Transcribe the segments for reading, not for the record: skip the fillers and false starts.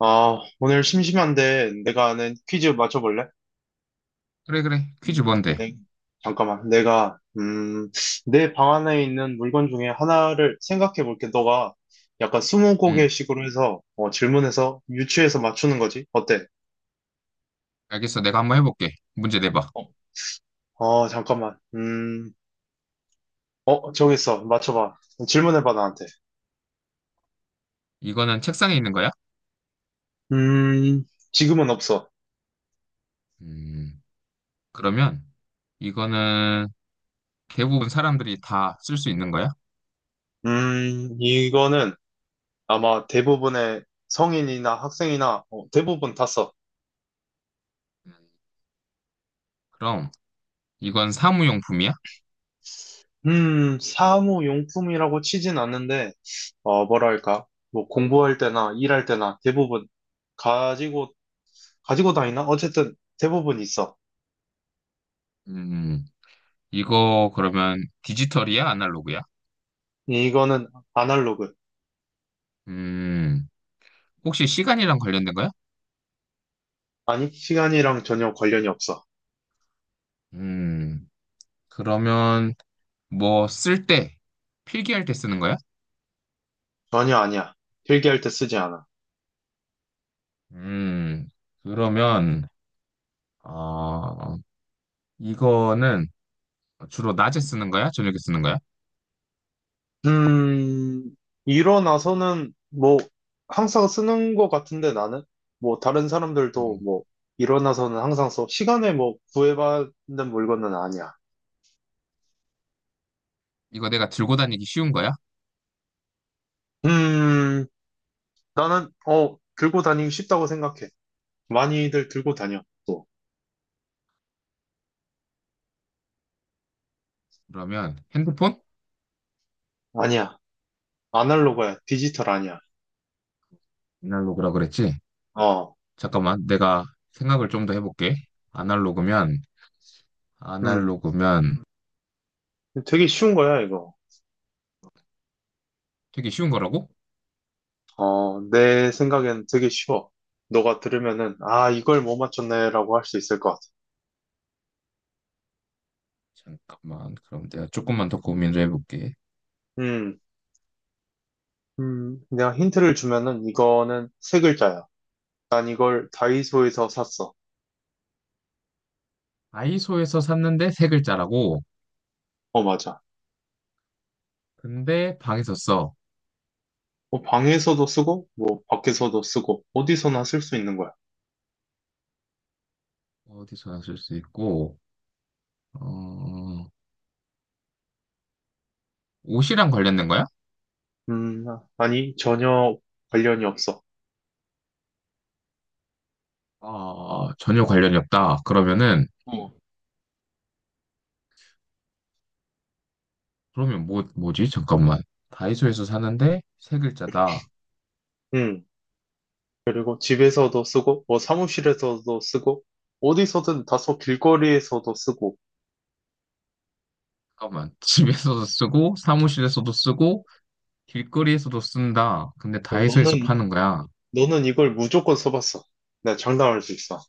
아, 오늘 심심한데 내가 아는 퀴즈 맞춰볼래? 그래, 그래. 퀴즈 뭔데? 네. 잠깐만. 내가 내 방 안에 있는 물건 중에 하나를 생각해 볼게. 너가 약간 응, 스무고개식으로 해서 질문해서 유추해서 맞추는 거지. 어때? 알겠어. 내가 한번 해볼게. 문제 내봐. 어, 잠깐만. 정했어. 맞춰봐. 질문해봐, 나한테. 이거는 책상에 있는 거야? 음, 지금은 없어. 음, 그러면 이거는 대부분 사람들이 다 쓸 수 있는 거야? 이거는 아마 대부분의 성인이나 학생이나 대부분 다 써. 그럼 이건 사무용품이야? 사무용품이라고 치진 않는데, 뭐랄까, 뭐 공부할 때나 일할 때나 대부분 가지고, 가지고 다니나? 어쨌든 대부분 있어. 음, 이거 그러면 디지털이야? 아날로그야? 이거는 아날로그. 음, 혹시 시간이랑 관련된 거야? 아니, 시간이랑 전혀 관련이 없어. 음, 그러면 뭐 쓸 때, 필기할 때 쓰는 거야? 전혀 아니야. 필기할 때 쓰지 않아. 음, 그러면, 어, 이거는 주로 낮에 쓰는 거야? 저녁에 쓰는 거야? 음, 일어나서는 뭐 항상 쓰는 것 같은데 나는? 뭐 다른 사람들도 음, 뭐 일어나서는 항상 써. 시간에 뭐 구애받는 물건은 아니야. 이거 내가 들고 다니기 쉬운 거야? 음, 나는, 들고 다니기 쉽다고 생각해. 많이들 들고 다녀, 또. 그러면 핸드폰? 아니야. 아날로그야. 디지털 아니야. 아날로그라 그랬지? 어, 잠깐만, 내가 생각을 좀 더 해볼게. 아날로그면, 음. 아날로그면, 되게 쉬운 거야, 이거. 되게 쉬운 거라고? 어, 내 생각엔 되게 쉬워. 너가 들으면은, 아, 이걸 못 맞췄네라고 할 수 있을 것 같아. 잠깐만, 그럼 내가 조금만 더 고민 좀 해볼게. 음, 내가 힌트를 주면은, 이거는 세 글자야. 난 이걸 다이소에서 샀어. 다이소에서 샀는데 세 글자라고? 어, 맞아. 근데 방에서 써. 뭐, 방에서도 쓰고, 뭐, 밖에서도 쓰고, 어디서나 쓸 수 있는 거야. 어디서나 쓸 수 있고, 어, 옷이랑 관련된 거야? 음, 아니, 전혀 관련이 없어. 아, 전혀 관련이 없다. 그러면은 어. 그러면 뭐, 뭐지? 잠깐만. 다이소에서 사는데 세 글자다. 음. 그리고 집에서도 쓰고, 뭐 사무실에서도 쓰고, 어디서든 다소 길거리에서도 쓰고, 잠깐만. 집에서도 쓰고, 사무실에서도 쓰고, 길거리에서도 쓴다. 근데 어, 다이소에서 너는, 파는 거야. 너는 이걸 무조건 써봤어. 내가 장담할 수 있어.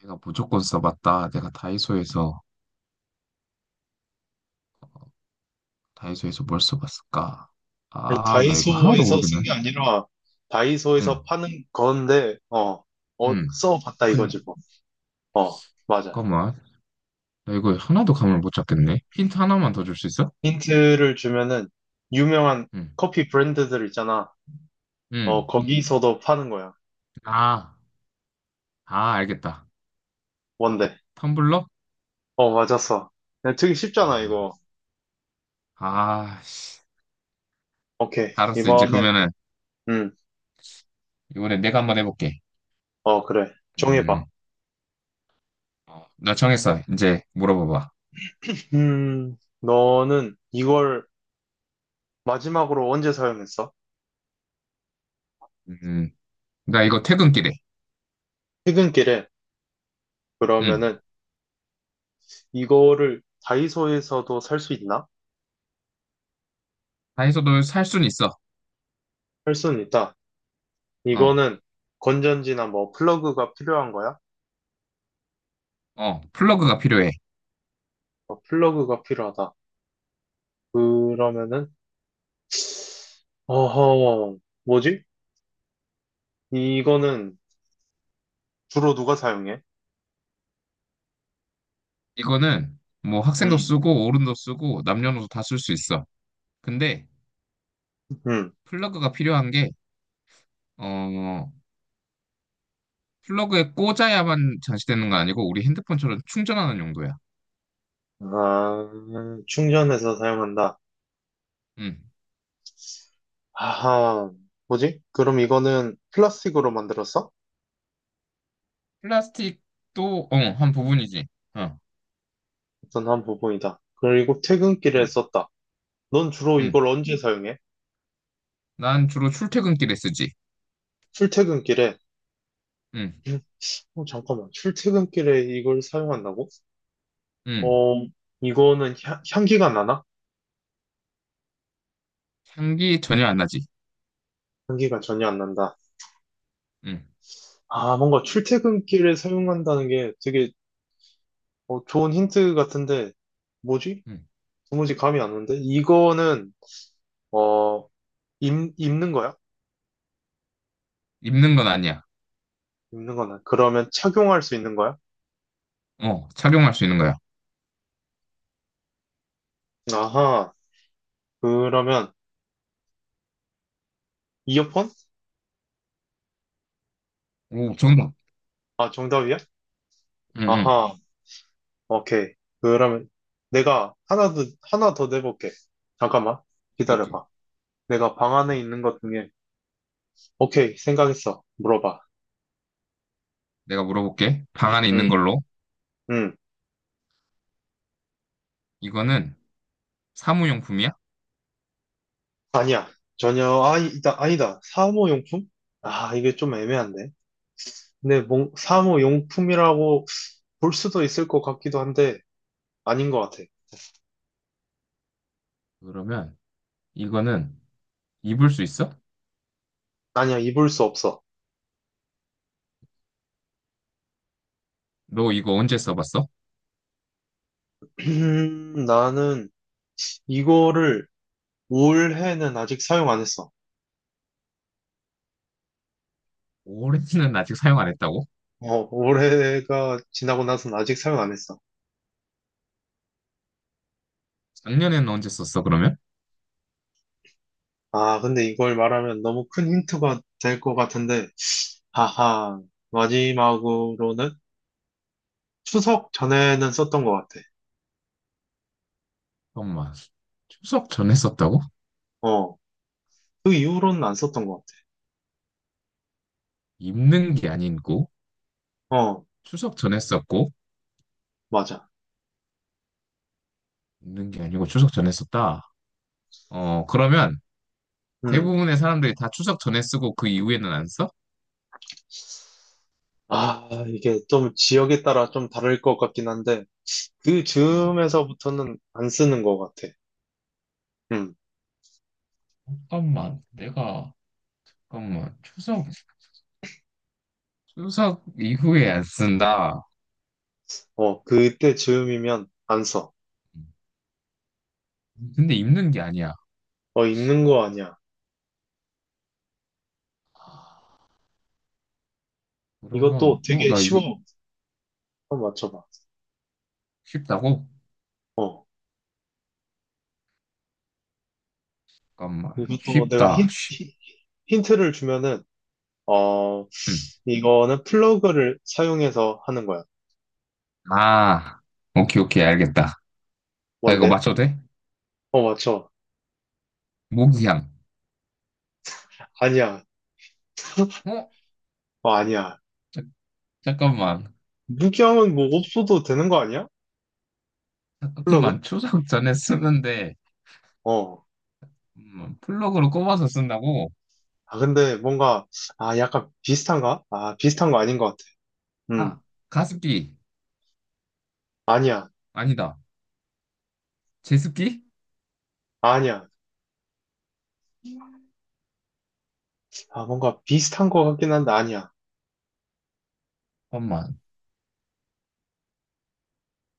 내가 무조건 써봤다. 다이소에서 뭘 써봤을까? 아니, 아, 나 이거 하나도 다이소에서 모르겠네. 쓴 게 아니라, 응, 다이소에서 파는 건데, 응. 써봤다 이거지 근데, 뭐. 어, 맞아. 잠깐만. 나 이거 하나도 감을 못 잡겠네. 힌트 하나만 더 줄 수 있어? 힌트를 주면은, 유명한 응, 커피 브랜드들 있잖아. 어, 응. 거기서도 파는 거야. 아, 아, 알겠다. 뭔데? 텀블러? 어, 맞았어. 야, 되게 쉽잖아, 아, 이거. 아, 씨. 오케이. 알았어. 이제 이번엔, 그러면은 음, 이번에 내가 한번 해볼게. 그래. 정해봐. 음, 나 정했어. 이제 물어봐봐. 너는 이걸 마지막으로 언제 사용했어? 음, 나 이거 퇴근길에. 퇴근길에 음, 그러면은 이거를 다이소에서도 살 수 있나? 다이소도 살 순 있어. 살 수는 있다. 어, 이거는 건전지나 뭐 플러그가 필요한 거야? 플러그가 필요해. 어, 플러그가 필요하다. 그러면은 어허, 뭐지? 이거는 주로 누가 사용해? 이거는 뭐 학생도 음, 쓰고 어른도 쓰고 남녀노소 다 쓸 수 있어. 근데 음, 플러그가 필요한 게, 어, 플러그에 꽂아야만 장치되는 거 아니고 우리 핸드폰처럼 충전하는 용도야. 아, 충전해서 사용한다. 음, 아하, 뭐지? 그럼 이거는 플라스틱으로 만들었어? 플라스틱도 한 부분이지. 어, 어떤 한 부분이다. 그리고 퇴근길에 음, 썼다. 넌 주로 음. 이걸 언제 사용해? 난 주로 출퇴근길에 쓰지. 출퇴근길에. 음, 음, 잠깐만. 출퇴근길에 이걸 사용한다고? 음. 어, 이거는 향기가 나나? 향기 전혀 안 나지. 향기가 전혀 안 난다. 응, 아, 뭔가 출퇴근길에 사용한다는 게 되게 좋은 힌트 같은데, 뭐지? 응. 도무지 감이 안 오는데? 이거는, 어, 입는 거야? 입는 건 아니야. 입는 거나. 그러면 착용할 수 있는 거야? 어, 착용할 수 있는 거야. 아하. 그러면, 이어폰? 오, 정답. 아, 정답이야? 응, 응. 아하. 오케이. 그러면 내가 하나 더 내볼게. 잠깐만. 이렇게. 기다려봐. 내가 방 안에 있는 것 중에, 오케이, 생각했어. 물어봐. 내가 물어볼게. 방 안에 응, 있는 걸로. 응. 이거는 사무용품이야? 아니야. 전혀, 아니다, 아니다. 사무용품? 아, 이게 좀 애매한데. 근데 사무용품이라고 볼 수도 있을 것 같기도 한데, 아닌 것 같아. 그러면 이거는 입을 수 있어? 아니야, 입을 수 없어. 너 이거 언제 써봤어? 나는 이거를 올해는 아직 사용 안 했어. 올해는 아직 사용 안 했다고? 어, 올해가 지나고 나서는 아직 사용 안 했어. 작년에는 언제 썼어, 그러면? 아, 근데 이걸 말하면 너무 큰 힌트가 될 것 같은데, 하하, 마지막으로는 추석 전에는 썼던 것 같아. 잠깐만. 추석 전에 썼다고? 어, 그 이후로는 안 썼던 것 입는 게 아니고, 같아. 어, 추석 전에 썼고, 맞아. 입는 게 아니고 추석 전에 썼다. 어, 그러면 음, 대부분의 사람들이 다 추석 전에 쓰고 그 이후에는 안 써? 아, 이게 좀 지역에 따라 좀 다를 것 같긴 한데, 그 음, 즈음에서부터는 안 쓰는 것 같아. 음, 잠깐만, 내가, 잠깐만, 추석 이후에 안 쓴다. 그때 즈음이면 안 써. 근데 입는 게 아니야. 어, 있는 거 아니야. 이것도 그러면, 되게 나 이거 쉬워. 한번 맞춰봐. 쉽다고? 어, 잠깐만, 이것도 내가 쉽다, 쉽. 힌트를 주면은, 어, 음. 이거는 플러그를 사용해서 하는 거야. 아, 오케이, 오케이, 알겠다. 나 이거 뭔데? 맞춰도 돼? 어, 맞춰. 모기향. 아니야. 어? 어, 아니야. 자, 잠깐만, 무기함은 뭐 없어도 되는 거 아니야? 플러그? 잠깐만, 추석 전에 쓰는데, 어. 플러그로 꼽아서 쓴다고? 아, 근데 뭔가, 아, 약간 비슷한가? 아, 비슷한 거 아닌 것 같아. 음, 아, 가습기. 아니야. 아니다. 제습기? 아니야. 아, 뭔가 비슷한 것 같긴 한데, 아니야. 잠깐만,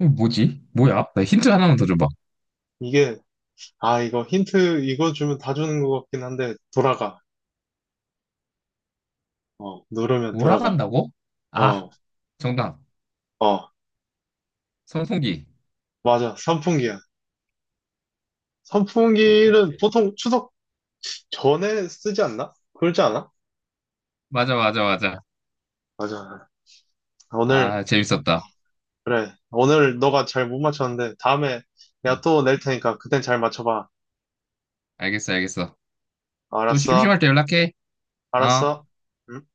이거 뭐지? 뭐야? 나 힌트 하나만 더 줘봐. 이게, 아, 이거 힌트, 이거 주면 다 주는 것 같긴 한데, 돌아가. 어, 누르면 돌아가. 돌아간다고? 아, 어, 정답. 어, 선풍기. 맞아. 선풍기야. 오케이, 선풍기는 오케이. 보통 추석 전에 쓰지 않나? 그러지 않아? 맞아, 맞아, 맞아. 맞아. 오늘, 아, 재밌었다. 그래. 오늘 너가 잘 못 맞췄는데, 다음에 내가 음, 또 낼 테니까 그땐 잘 맞춰봐. 알겠어, 알겠어. 또 알았어? 심심할 때 연락해. 어. 알았어? 응?